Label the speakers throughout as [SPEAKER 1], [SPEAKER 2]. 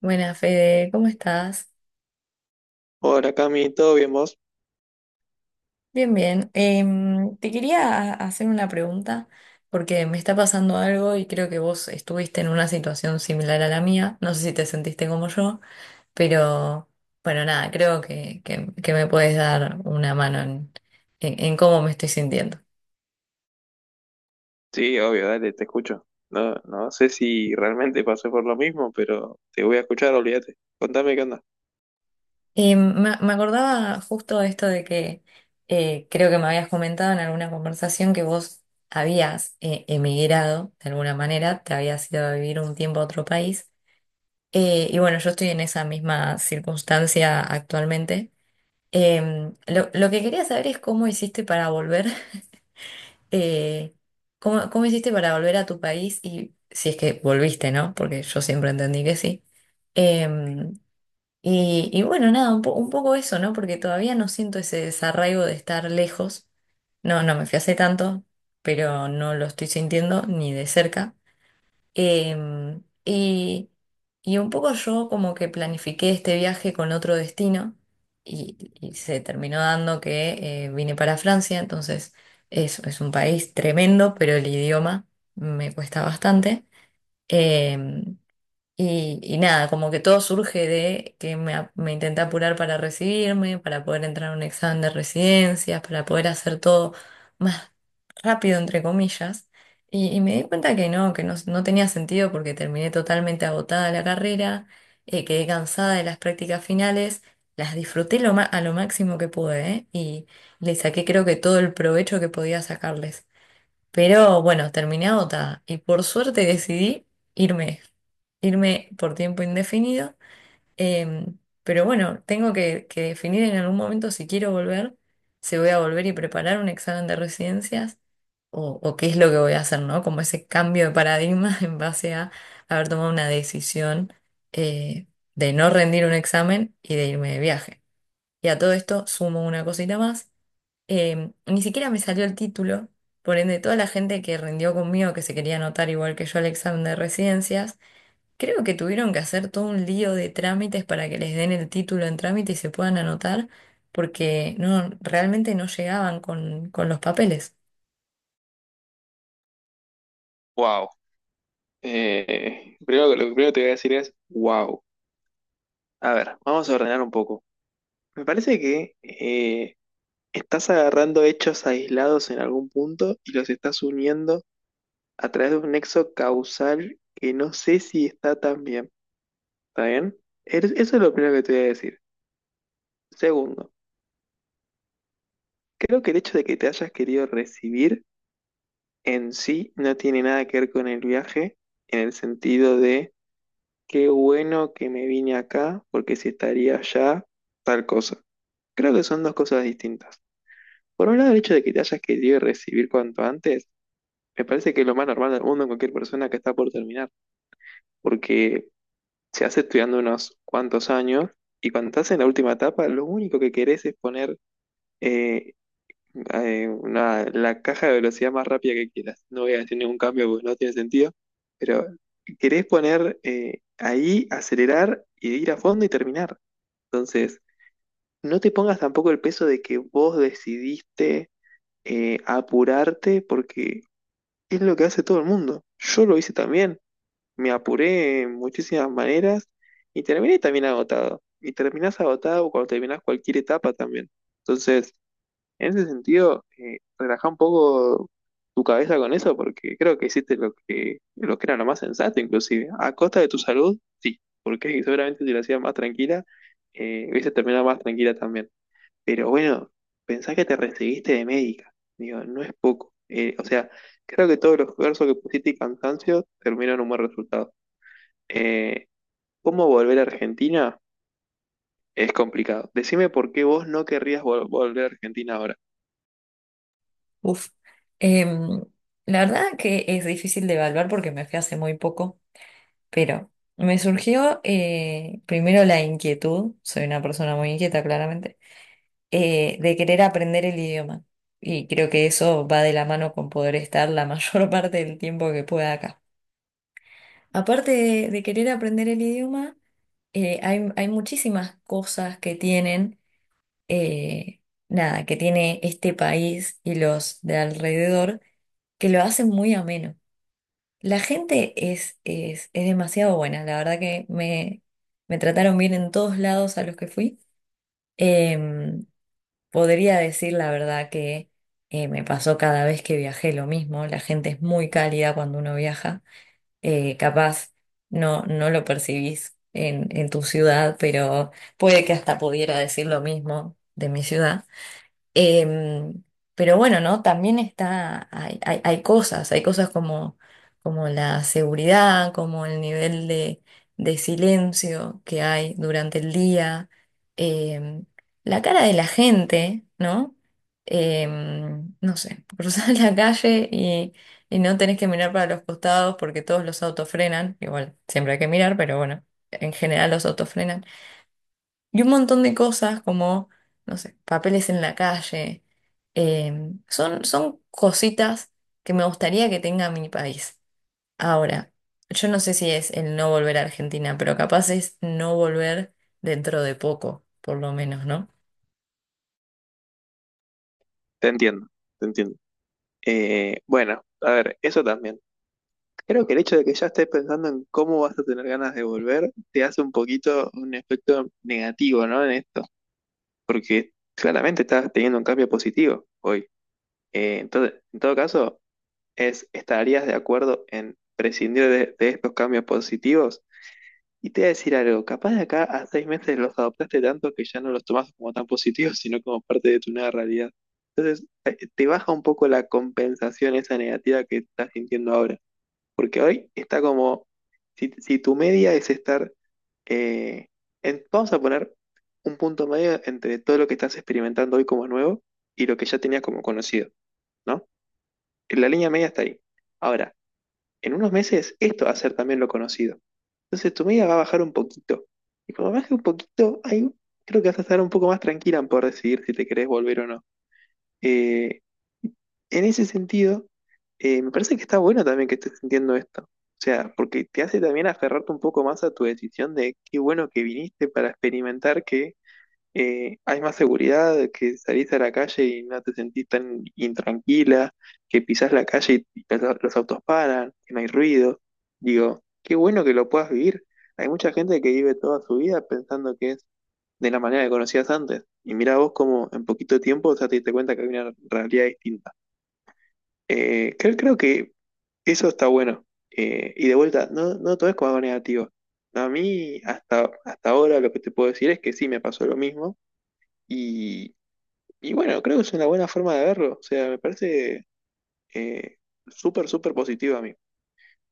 [SPEAKER 1] Buenas, Fede, ¿cómo estás?
[SPEAKER 2] Hola Cami, ¿todo bien vos?
[SPEAKER 1] Bien, bien. Te quería hacer una pregunta porque me está pasando algo y creo que vos estuviste en una situación similar a la mía. No sé si te sentiste como yo, pero bueno, nada, creo que me puedes dar una mano en cómo me estoy sintiendo.
[SPEAKER 2] Sí, obvio, dale, te escucho. No, no sé si realmente pasé por lo mismo, pero te voy a escuchar, olvídate. Contame qué onda.
[SPEAKER 1] Me acordaba justo esto de que creo que me habías comentado en alguna conversación que vos habías emigrado de alguna manera, te habías ido a vivir un tiempo a otro país. Y bueno, yo estoy en esa misma circunstancia actualmente. Lo que quería saber es cómo hiciste para volver, eh, cómo hiciste para volver a tu país y si es que volviste, ¿no? Porque yo siempre entendí que sí. Em, y bueno, nada, un poco eso, ¿no? Porque todavía no siento ese desarraigo de estar lejos. No me fui hace tanto, pero no lo estoy sintiendo ni de cerca. Em, y, y un poco yo como que planifiqué este viaje con otro destino y se terminó dando que vine para Francia, entonces es un país tremendo, pero el idioma me cuesta bastante. Em, y nada, como que todo surge de que me intenté apurar para recibirme, para poder entrar a un examen de residencias, para poder hacer todo más rápido, entre comillas. Y me di cuenta que no, no tenía sentido porque terminé totalmente agotada la carrera, quedé cansada de las prácticas finales, las disfruté a lo máximo que pude, ¿eh? Y le saqué creo que todo el provecho que podía sacarles. Pero bueno, terminé agotada y por suerte decidí irme, irme por tiempo indefinido. Em, pero bueno, tengo que definir en algún momento si quiero volver, si voy a volver y preparar un examen de residencias o qué es lo que voy a hacer, ¿no? Como ese cambio de paradigma en base a haber tomado una decisión eh, de no rendir un examen y de irme de viaje. Y a todo esto sumo una cosita más ni siquiera me salió el título, por ende, toda la gente que rindió conmigo, que se quería anotar igual que yo al examen de residencias, creo que tuvieron que hacer todo un lío de trámites para que les den el título en trámite y se puedan anotar, porque no, realmente no llegaban con los papeles.
[SPEAKER 2] Wow. Primero, lo que primero te voy a decir es, wow. A ver, vamos a ordenar un poco. Me parece que estás agarrando hechos aislados en algún punto y los estás uniendo a través de un nexo causal que no sé si está tan bien. ¿Está bien? Eso es lo primero que te voy a decir. Segundo, creo que el hecho de que te hayas querido recibir en sí no tiene nada que ver con el viaje, en el sentido de qué bueno que me vine acá, porque si estaría allá, tal cosa. Creo que son dos cosas distintas. Por un lado, el hecho de que te hayas querido recibir cuanto antes, me parece que es lo más normal del mundo en cualquier persona que está por terminar, porque se hace estudiando unos cuantos años y cuando estás en la última etapa, lo único que querés es poner eh, la caja de velocidad más rápida que quieras. No voy a decir ningún cambio porque no tiene sentido, pero querés poner ahí, acelerar y ir a fondo y terminar. Entonces, no te pongas tampoco el peso de que vos decidiste apurarte porque es lo que hace todo el mundo. Yo lo hice también, me apuré en muchísimas maneras y terminé también agotado. Y terminás agotado cuando terminás cualquier etapa también. Entonces, en ese sentido, relaja un poco tu cabeza con eso porque creo que hiciste lo que era lo más sensato, inclusive. A costa de tu salud, sí, porque seguramente si lo hacías más tranquila, hubieses terminado más tranquila también. Pero bueno, pensá que te recibiste de médica. Digo, no es poco. O sea, creo que todos los esfuerzos que pusiste y cansancio terminaron en un buen resultado. Eh, ¿Cómo volver a Argentina? Es complicado. Decime por qué vos no querrías volver a Argentina ahora.
[SPEAKER 1] Uf. Em, la verdad que es difícil de evaluar porque me fui hace muy poco, pero me surgió primero la inquietud, soy una persona muy inquieta claramente de querer aprender el idioma. Y creo que eso va de la mano con poder estar la mayor parte del tiempo que pueda acá. Aparte de querer aprender el idioma, hay muchísimas cosas que tienen, eh, nada, que tiene este país y los de alrededor que lo hacen muy ameno. La gente es demasiado buena, la verdad que me trataron bien en todos lados a los que fui. Em, podría decir la verdad que me pasó cada vez que viajé lo mismo. La gente es muy cálida cuando uno viaja. Capaz no, no lo percibís en tu ciudad, pero puede que hasta pudiera decir lo mismo de mi ciudad. Em, pero bueno, ¿no? También está, hay cosas como, como la seguridad, como el nivel de silencio que hay durante el día, em, la cara de la gente, ¿no? Em, no sé, cruzar la calle y no tenés que mirar para los costados porque todos los autos frenan, igual siempre hay que mirar, pero bueno, en general los autos frenan. Y un montón de cosas como, no sé, papeles en la calle. Eh, son cositas que me gustaría que tenga mi país. Ahora, yo no sé si es el no volver a Argentina, pero capaz es no volver dentro de poco, por lo menos, ¿no?
[SPEAKER 2] Te entiendo, te entiendo. Bueno, a ver, eso también. Creo que el hecho de que ya estés pensando en cómo vas a tener ganas de volver te hace un poquito un efecto negativo, ¿no? En esto, porque claramente estás teniendo un cambio positivo hoy. Entonces, en todo caso, ¿estarías de acuerdo en prescindir de estos cambios positivos? Y te voy a decir algo, capaz de acá a 6 meses los adoptaste tanto que ya no los tomas como tan positivos, sino como parte de tu nueva realidad. Te baja un poco la compensación esa negativa que estás sintiendo ahora. Porque hoy está como, si tu media es estar, eh, vamos a poner un punto medio entre todo lo que estás experimentando hoy como nuevo y lo que ya tenías como conocido, ¿no? La línea media está ahí. Ahora, en unos meses esto va a ser también lo conocido. Entonces tu media va a bajar un poquito. Y cuando baje un poquito, ahí creo que vas a estar un poco más tranquila en poder decidir si te querés volver o no. Eh, en ese sentido, me parece que está bueno también que estés sintiendo esto. O sea, porque te hace también aferrarte un poco más a tu decisión de qué bueno que viniste para experimentar que hay más seguridad, que salís a la calle y no te sentís tan intranquila, que pisás la calle y los autos paran, que no hay ruido. Digo, qué bueno que lo puedas vivir. Hay mucha gente que vive toda su vida pensando que es de la manera que conocías antes. Y mira vos cómo en poquito tiempo ya te diste cuenta que hay una realidad distinta. Creo que eso está bueno. Y de vuelta, no, no todo es como algo negativo. A mí, hasta ahora, lo que te puedo decir es que sí me pasó lo mismo. Y, y bueno, creo que es una buena forma de verlo. O sea, me parece eh, súper positivo a mí.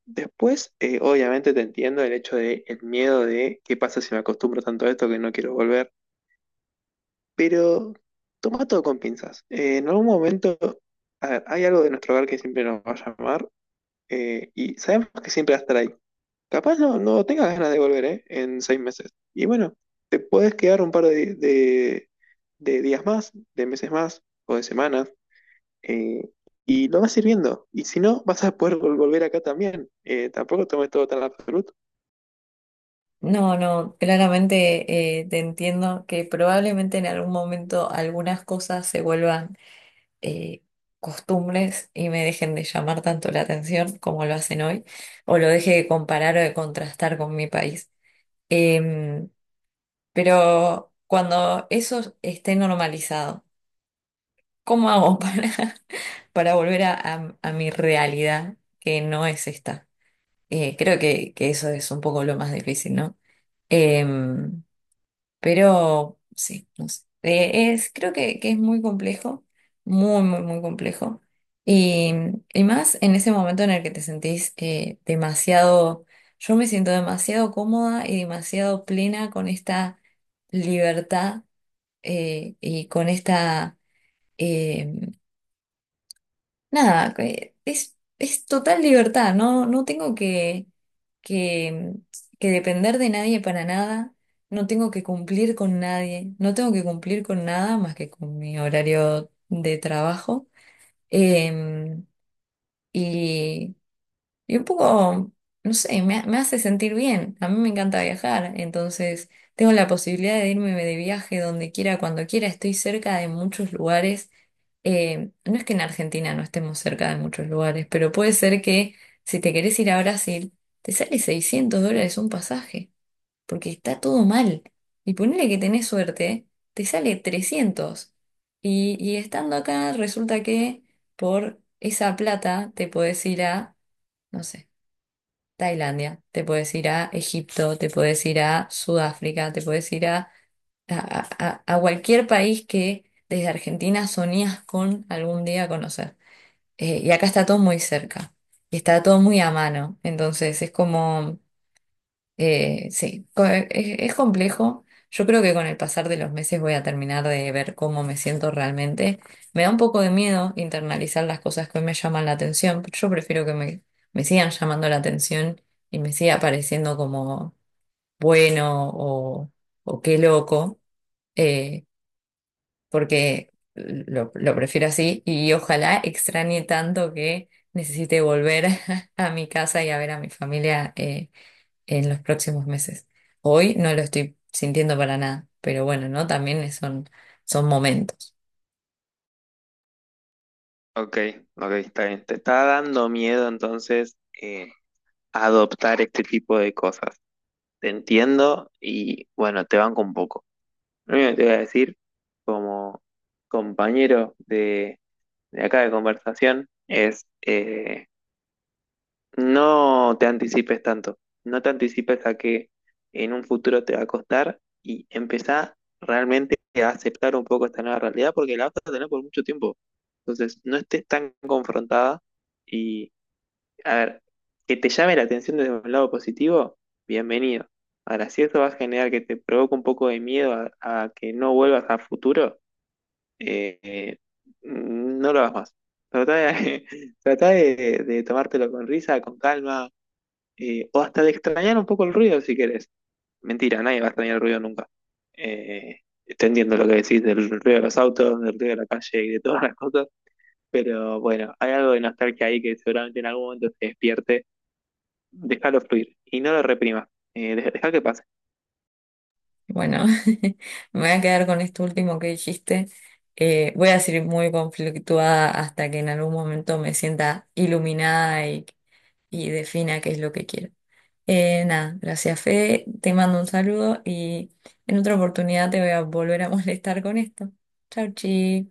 [SPEAKER 2] Después, obviamente te entiendo el hecho de el miedo de qué pasa si me acostumbro tanto a esto que no quiero volver. Pero toma todo con pinzas. En algún momento, a ver, hay algo de nuestro hogar que siempre nos va a llamar. Eh, y sabemos que siempre va a estar ahí. Capaz no, no tengas ganas de volver, ¿eh? En 6 meses. Y bueno, te puedes quedar un par de días más, de meses más o de semanas, eh, y lo vas a ir viendo. Y si no, vas a poder volver acá también. Tampoco tomes todo tan absoluto.
[SPEAKER 1] No, claramente te entiendo que probablemente en algún momento algunas cosas se vuelvan eh, costumbres y me dejen de llamar tanto la atención como lo hacen hoy, o lo deje de comparar o de contrastar con mi país. Em, pero cuando eso esté normalizado, ¿cómo hago para, para volver a mi realidad que no es esta? Creo que eso es un poco lo más difícil, ¿no? Em, pero sí, no sé. Es, creo que es muy complejo, muy, muy, muy complejo. Y, y más en ese momento en el que te sentís demasiado, yo me siento demasiado cómoda y demasiado plena con esta libertad y con esta eh, nada, es total libertad, no tengo que, que depender de nadie para nada, no tengo que cumplir con nadie, no tengo que cumplir con nada más que con mi horario de trabajo. Em, y, y un poco, no sé, me hace sentir bien, a mí me encanta viajar, entonces tengo la posibilidad de irme de viaje donde quiera, cuando quiera, estoy cerca de muchos lugares no es que en Argentina no estemos cerca de muchos lugares, pero puede ser que si te querés ir a Brasil, te sale 600 dólares un pasaje, porque está todo mal. Y ponele que tenés suerte, te sale 300. Y estando acá, resulta que por esa plata te podés ir a, no sé, Tailandia, te podés ir a Egipto, te podés ir a Sudáfrica, te podés ir a, a cualquier país que desde Argentina soñás con algún día conocer. Y acá está todo muy cerca y está todo muy a mano. Entonces es como, es complejo. Yo creo que con el pasar de los meses voy a terminar de ver cómo me siento realmente. Me da un poco de miedo internalizar las cosas que hoy me llaman la atención, pero yo prefiero que me sigan llamando la atención y me siga pareciendo como bueno o qué loco. Eh, porque lo prefiero así y ojalá extrañe tanto que necesite volver a mi casa y a ver a mi familia en los próximos meses. Hoy no lo estoy sintiendo para nada, pero bueno, ¿no? También son momentos.
[SPEAKER 2] Ok, ok, está bien. Te está dando miedo entonces adoptar este tipo de cosas. Te entiendo y bueno, te banco un poco. Lo único que te voy a decir, compañero de acá de conversación es no te anticipes tanto, no te anticipes a que en un futuro te va a costar y empezá realmente a aceptar un poco esta nueva realidad porque la vas a tener por mucho tiempo. Entonces, no estés tan confrontada y, a ver, que te llame la atención desde un lado positivo, bienvenido. Ahora, si eso va a generar que te provoque un poco de miedo a que no vuelvas a futuro, eh, no lo hagas más. Trata de, trata de de tomártelo con risa, con calma, o hasta de extrañar un poco el ruido si querés. Mentira, nadie va a extrañar el ruido nunca. Eh, Te entiendo lo que decís del ruido de los autos, del ruido de la calle y de todas las cosas, pero bueno, hay algo de nostalgia ahí que seguramente en algún momento se despierte. Déjalo fluir y no lo reprimas. Deja que pase.
[SPEAKER 1] Bueno, me voy a quedar con esto último que dijiste. Voy a seguir muy conflictuada hasta que en algún momento me sienta iluminada y defina qué es lo que quiere. Nada, gracias Fede, te mando un saludo y en otra oportunidad te voy a volver a molestar con esto. Chau, chi.